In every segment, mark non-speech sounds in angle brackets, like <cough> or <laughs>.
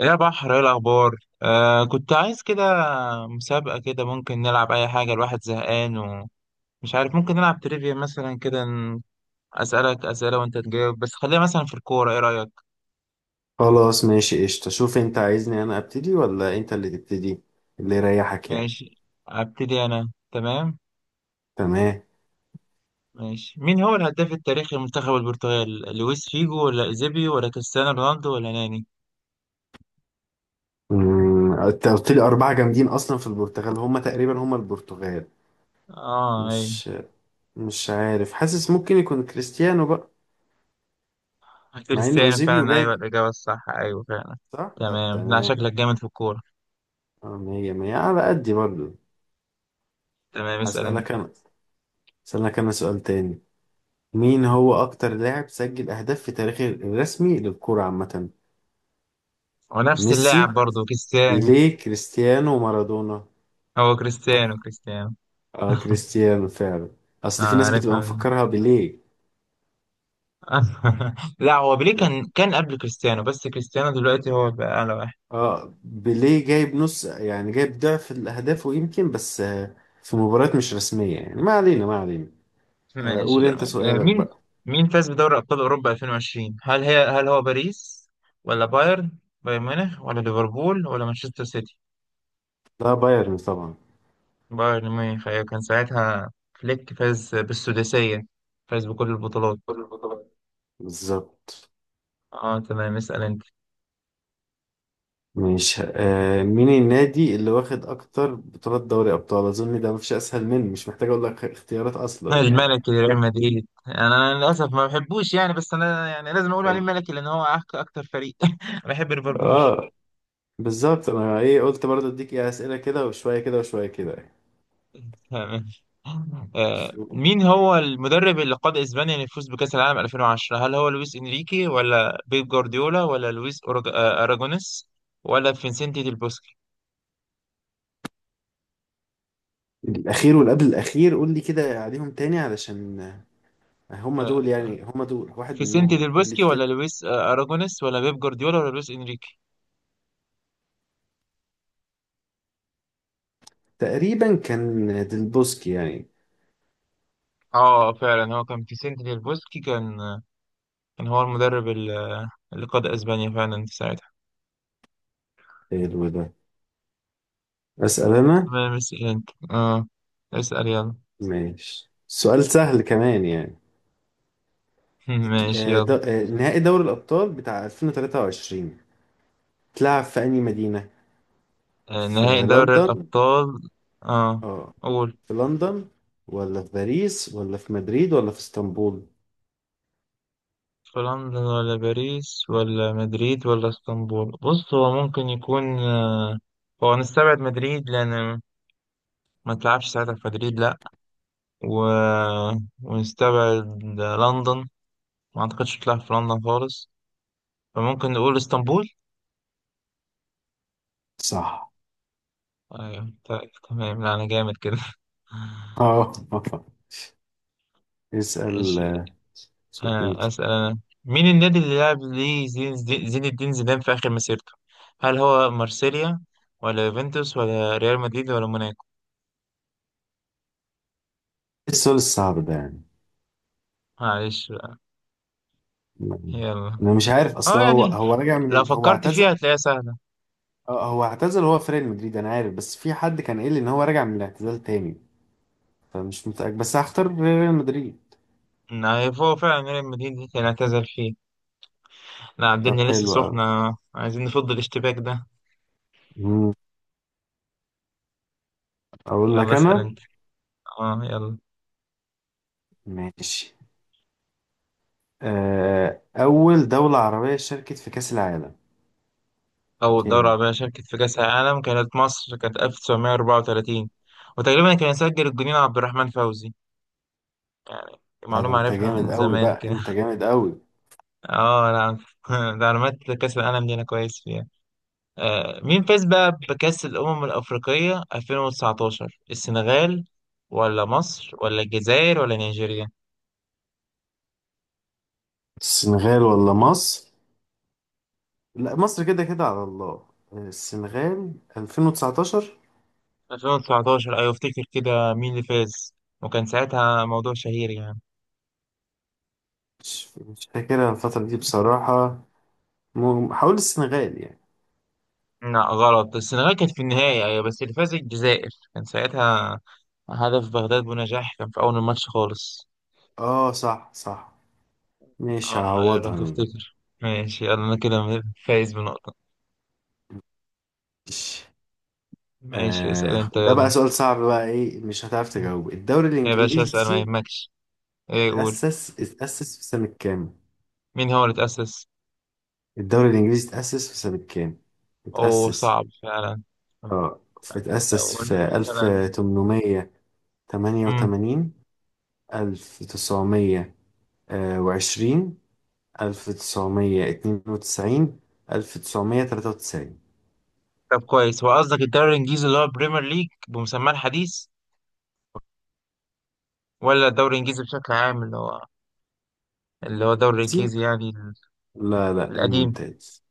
يا بحر، ايه الاخبار؟ كنت عايز كده مسابقة كده. ممكن نلعب اي حاجة، الواحد زهقان ومش عارف. ممكن نلعب تريفيا مثلا كده، اسألك اسئلة وانت تجاوب، بس خليها مثلا في الكورة، ايه رأيك؟ خلاص، ماشي، قشطة. شوف انت عايزني انا ابتدي ولا انت اللي تبتدي، اللي يريحك يعني. ماشي، ابتدي انا. تمام. تمام. ماشي، مين هو الهداف التاريخي لمنتخب البرتغال؟ لويس فيجو ولا ايزيبي ولا كريستيانو رونالدو ولا ناني؟ انت قلت لي اربعة جامدين اصلا في البرتغال، هما تقريبا هما البرتغال. اه ايوه، مش مش عارف، حاسس ممكن يكون كريستيانو بقى. مع ان كريستيانو اوزيبيو فعلا، ايوه جايب. الاجابة الصح، ايوه فعلا. صح، طب تمام، لا تمام. شكلك جامد في الكورة. اه مية مية، على قدي برضو. تمام اسأل انت. هسألك انا هسألك انا سؤال تاني. مين هو اكتر لاعب سجل اهداف في تاريخه الرسمي للكرة عامة؟ ونفس ميسي، اللاعب برضه كريستيانو. بيليه، كريستيانو، مارادونا؟ هو كريستيانو، كريستيانو. اه <laughs> كريستيانو فعلا. اصل في ناس بتبقى عارفها مفكرها بيليه. <laughs> لا، هو بيليه كان قبل كريستيانو، بس كريستيانو دلوقتي هو بقى أعلى واحد. اه بيليه جايب نص، يعني جايب ضعف الاهداف ويمكن بس، في مباريات مش رسمية، يعني ما علينا ما علينا. ماشي قول انت تمام. سؤالك بقى. مين فاز بدوري أبطال أوروبا 2020؟ هل هو باريس ولا بايرن ميونخ ولا ليفربول ولا مانشستر سيتي؟ لا بايرن طبعا. بايرن ميونخ أيوة، كان ساعتها فليك فاز بالسداسية، فاز بكل البطولات. بالظبط. اه تمام، اسأل انت. ماشي، مين النادي اللي واخد اكتر بطولات دوري ابطال؟ اظن ده مفيش اسهل منه، مش محتاج اقول لك اختيارات اصلا يعني. الملكي لريال مدريد، يعني انا للاسف ما بحبوش يعني، بس انا يعني لازم اقول عليه اه. ملكي لان هو اكتر فريق. <laughs> أنا بحب ليفربول. آه، بالظبط انا ايه؟ قلت برضه اديك ايه اسئله كده وشويه كده وشويه كده تمام. يعني. مين هو المدرب اللي قاد اسبانيا للفوز بكاس العالم 2010؟ هل هو لويس انريكي ولا بيب جوارديولا ولا لويس اراجونيس ولا فينسنتي ديل بوسكي؟ الأخير والقبل الأخير، قول لي كده عليهم تاني علشان آه، هم دول، واحد فيسنتي منهم، ديل قول لي بوسكي كده. ولا لويس اراجونيس ولا بيب جوارديولا ولا لويس انريكي؟ تقريبا كان ديلبوسكي يعني. اه فعلا، هو كان فيسنتي ديل بوسكي. كان هو المدرب اللي قاد اسبانيا فعلا ساعتها. حلو ده. أسأل أنا. تمام اسأل انت، اه اسأل يلا. ماشي، سؤال سهل كمان يعني. <laughs> ماشي يلا. نهائي دوري الأبطال بتاع 2023 اتلعب في أي مدينة؟ في نهائي دوري لندن الأبطال. اه اه قول. في لندن ولا في باريس ولا في مدريد ولا في اسطنبول؟ في لندن ولا باريس ولا مدريد ولا اسطنبول؟ بص، هو ممكن يكون هو نستبعد مدريد، لأن ما تلعبش ساعتها في مدريد لأ. و... <laughs> ونستبعد لندن، ما أعتقدش تلعب في لندن خالص، فممكن نقول اسطنبول. صح. ايوه طيب، تمام، لا انا جامد كده. <laughs> اه. <laughs> اسأل. ماشي. شوف انت. أسأل أنا. مين النادي اللي لعب ليه زين الدين زيدان في آخر مسيرته؟ هل هو مارسيليا ولا يوفنتوس ولا ريال مدريد ولا موناكو؟ السؤال الصعب ده يعني. معلش بقى، م- يلا. انا مش عارف، اصل اه هو يعني هو راجع من لو هو فكرت فيها اعتزل. هتلاقيها سهلة. اه، هو اعتزل، هو في ريال مدريد انا عارف، بس في حد كان قايل لي ان هو راجع من الاعتزال تاني، فمش متأكد بس هختار ريال مدريد. إن هو فعلا ريال مدريد كان اعتزل فيه. لا طب الدنيا لسه حلو قوي. سخنة، عايزين نفض الاشتباك ده. مم. اقول يلا لك اسأل انا. انت، اه يلا. ماشي. اول دولة عربية شاركت في كأس العالم أول دورة كانت. عربية شاركت في كأس العالم كانت مصر، كانت 1934، وتقريبا كان يسجل الجنين عبد الرحمن فوزي. يعني ده معلومة انت عارفها جامد من قوي زمان بقى، كده. انت <laughs> جامد قوي. اه لا. <laughs> ده معلومات كأس العالم دي أنا كويس فيها. مين فاز بقى بكأس الأمم الأفريقية 2019؟ السنغال ولا مصر ولا الجزائر ولا نيجيريا؟ السنغال ولا مصر. لا مصر كده كده على الله. السنغال 2019. 2019 أيوة، أفتكر كده، مين اللي فاز؟ وكان ساعتها موضوع شهير يعني. مش فاكرها الفترة دي بصراحة. حاول السنغال يعني. لا غلط، السنغال كانت في النهاية أيوة، بس اللي فاز الجزائر كان ساعتها، هدف بغداد بنجاح كان في أول الماتش خالص. اه صح، صح. مش اه لو هعوضها. تفتكر. ماشي يلا، أنا كده فايز بنقطة. مش. ماشي اسأل انت ده بقى يلا. سؤال صعب بقى، ايه مش هتعرف تجاوب؟ الدوري يا باشا اسأل ما الانجليزي يهمكش، ايه يقول. اتأسس في سنة كام؟ مين هو اللي تأسس؟ الدوري الانجليزي اتأسس في سنة كام؟ اوه اتأسس. صعب فعلا. اه، لو اتأسس قلنا في مثلا. 1888، مم. 1920، ألف تسعمية اتنين وتسعين، ألف تسعمية تلاتة وتسعين. طب كويس، هو قصدك الدوري الانجليزي اللي هو بريمير ليج بمسماه الحديث ولا الدوري الانجليزي بشكل عام اللي هو الدوري دي. الانجليزي يعني لا لا، القديم؟ الممتاز،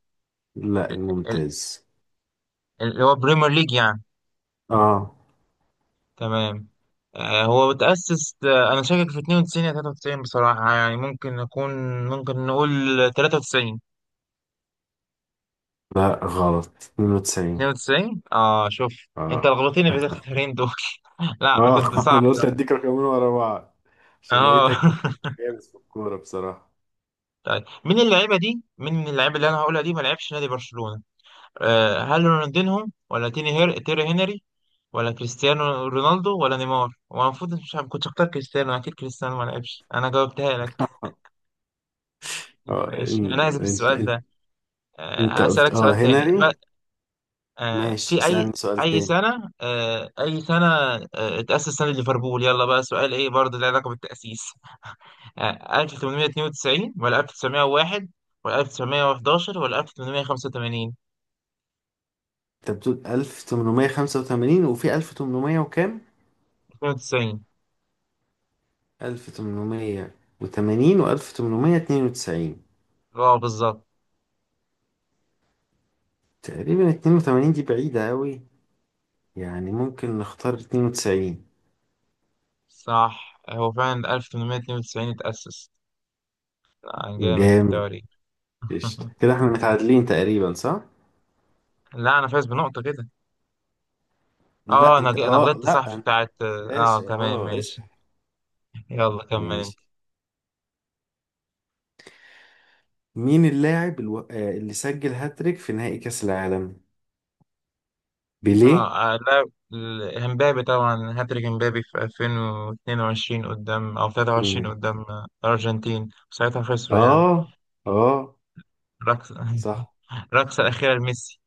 لا ال- ال- الممتاز. اللي هو بريمير ليج يعني. اه تمام. هو اتأسس. انا شاكك في 92 يا 93 بصراحة، يعني ممكن نكون، ممكن نقول 93. لا غلط، 92. 92 اه، شوف انت اه، لخبطتني بالاختيارين دول. <laughs> لا، اه. كنت <laughs> صعب انا قلت ده. اديك رقمين ورا بعض عشان اه لقيتك <laughs> جامد في الكورة بصراحة. طيب، مين اللعيبه اللي انا هقولها دي ما لعبش نادي برشلونه؟ هل رونالدينهم ولا تيري هنري ولا كريستيانو رونالدو ولا نيمار؟ هو المفروض مش عارف، كنت اختار كريستيانو. اكيد كريستيانو ما لعبش، انا جاوبتها لك. <laughs> اه، ماشي انا هسيب انت السؤال انت ده. انت قلت هسألك سؤال تاني هنري. ما... آه ماشي، في اي اسألني سؤال اي تاني. سنه آه اي سنه آه اتأسس نادي ليفربول؟ يلا بقى سؤال ايه برضه له علاقه بالتأسيس. يعني 1892 ولا 1901 ولا 1911 ولا 1885؟ انت بتقول 1885 وفي 1800 وكام؟ 92. 1880 و1892. اه بالظبط، تقريبا 82 دي بعيدة أوي، يعني ممكن نختار 92. صح هو فعلا 1892 اتأسس. جامد في جامد. التواريخ. قشطة، <laughs> كده احنا متعادلين تقريبا، صح؟ لا انا فايز بنقطة كده. اه، انا انا غلطت صح لا في انت. بتاعت، ماشي، تمام اسحب. ماشي. يلا كمل انت. ماشي. مين اللاعب الو... آه، اللي سجل هاتريك في نهائي كأس العالم؟ بيليه؟ لا، امبابي طبعا، هاتريك امبابي في 2022 قدام او 23 مم. قدام الارجنتين، ساعتها خسروا يعني. اه اه، الرقصة. <laughs> صح. الرقصة الأخيرة لميسي.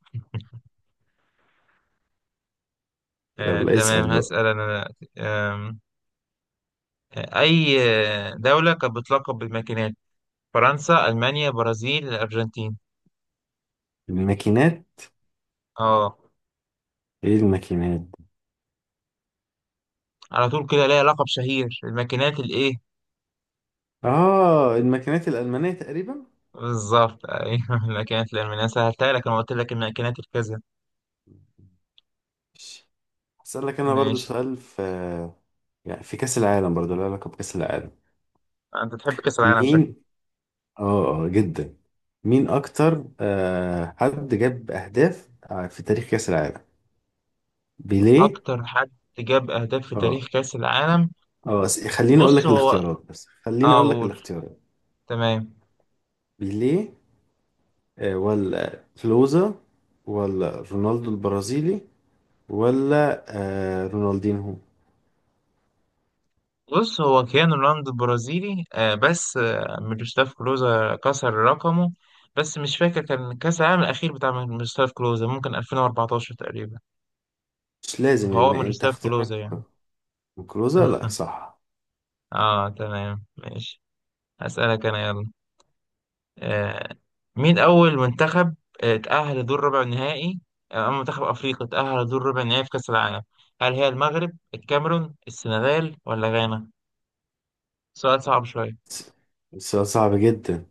يلا اسأل تمام بقى. هسأل أنا. آم، أي دولة كانت بتلقب بالماكينات؟ فرنسا، ألمانيا، برازيل، الأرجنتين؟ الماكينات. اه ايه الماكينات؟ على طول كده ليها لقب شهير الماكينات الإيه؟ اه الماكينات الألمانية تقريبا؟ بالظبط أيوه. <laughs> الماكينات الألمانية، أنا سهلتها لك، أنا قلت لك الماكينات الكذا. ماشي. هسألك انا برضو ماشي. سؤال يعني في كأس العالم، برضه له علاقة بكأس العالم. أنت تحب كأس العالم شكلك. مين. اه، جدا. مين أكتر حد جاب أهداف في تاريخ كأس العالم؟ بيليه. أكتر حد جاب أهداف في اه، تاريخ كأس العالم؟ اه. خليني أقول بص لك هو، الاختيارات، بس خليني اه أقول لك أقول الاختيارات. تمام. بيليه ولا كلوزا ولا رونالدو البرازيلي ولا رونالدينهو؟ بص هو كيانو رونالدو البرازيلي بس ميروسلاف كلوزا كسر رقمه، بس مش فاكر كان كأس العالم الأخير بتاع ميروسلاف كلوزا، ممكن 2014 تقريبا. مش لازم، فهو يعني أنت ميروسلاف كلوزا اختيارك. يعني. كلوزا. لا <laughs> صح. اه تمام ماشي. هسألك أنا يلا. آه مين أول منتخب اتأهل لدور ربع النهائي، أما منتخب أفريقيا اتأهل لدور ربع النهائي في كأس العالم؟ هل هي المغرب، الكاميرون، السنغال ولا غانا؟ سؤال صعب شوية. س- سؤال صعب جدا.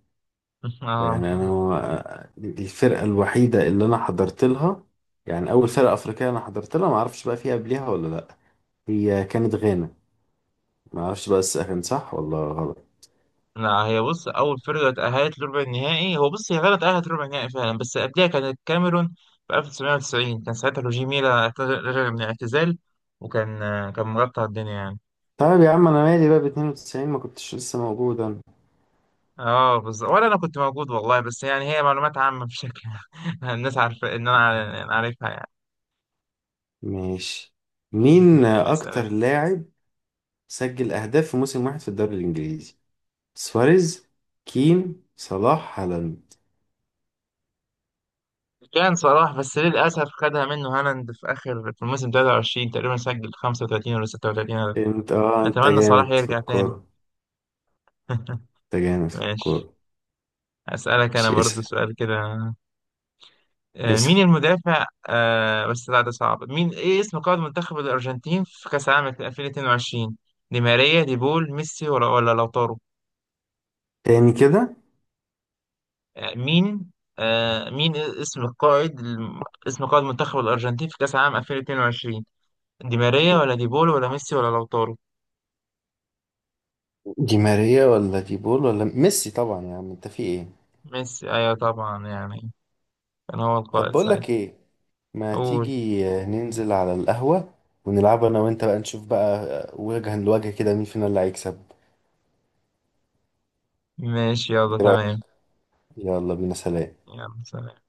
<laughs> يعني انا اه دي الفرقه الوحيده اللي انا حضرت لها، يعني اول فرقه افريقيه انا حضرت لها. ما اعرفش بقى فيها قبلها ولا لا. هي كانت غانا. ما اعرفش بقى كان صح ولا غلط. لا هي، بص، اول فرقه تاهلت لربع النهائي، هو بص هي غلط تاهلت ربع النهائي فعلا، بس قبلها كانت الكاميرون في 1990، كان ساعتها روجي ميلا رجع من الاعتزال، وكان آه، كان مغطى الدنيا يعني. طيب يا عم انا مالي بقى، ب 92 ما كنتش لسه موجود انا. اه بالظبط، ولا انا كنت موجود والله، بس يعني هي معلومات عامه بشكل. <laughs> الناس عارفه ان انا عارفها يعني. ماشي. مين تمام، اسال اكتر انت. لاعب سجل اهداف في موسم واحد في الدوري الانجليزي؟ سواريز، كين، صلاح، هالاند؟ كان صلاح، بس للاسف خدها منه هالاند في اخر، في الموسم 23 تقريبا سجل 35 ولا 36 هدف. انت، انت اتمنى صلاح جامد في يرجع تاني. الكوره. <laughs> انت جامد في ماشي. الكوره. أسألك أنا مش برضو اسال. سؤال كده. اسال مين المدافع، بس لا ده صعب. مين إيه اسم قائد منتخب الأرجنتين في كأس العالم 2022؟ دي ماريا، دي بول، ميسي ولا لوتارو؟ تاني كده. مين، اسم قائد منتخب الأرجنتين في كأس العالم 2022؟ دي ماريا ولا دي بول ولا ميسي ولا لوتارو؟ دي ماريا ولا دي بول ولا ميسي طبعا، يا عم انت في ايه؟ ميسي أيوة طبعا، يعني كان هو طب القائد بقول ساعتها. لك ايه، ما قول. تيجي ننزل على القهوة ونلعب انا وانت، بقى نشوف بقى وجها لوجه كده مين فينا اللي هيكسب. ماشي يلا ايه رأيك؟ تمام. يلا بينا، سلام. يلا سلام.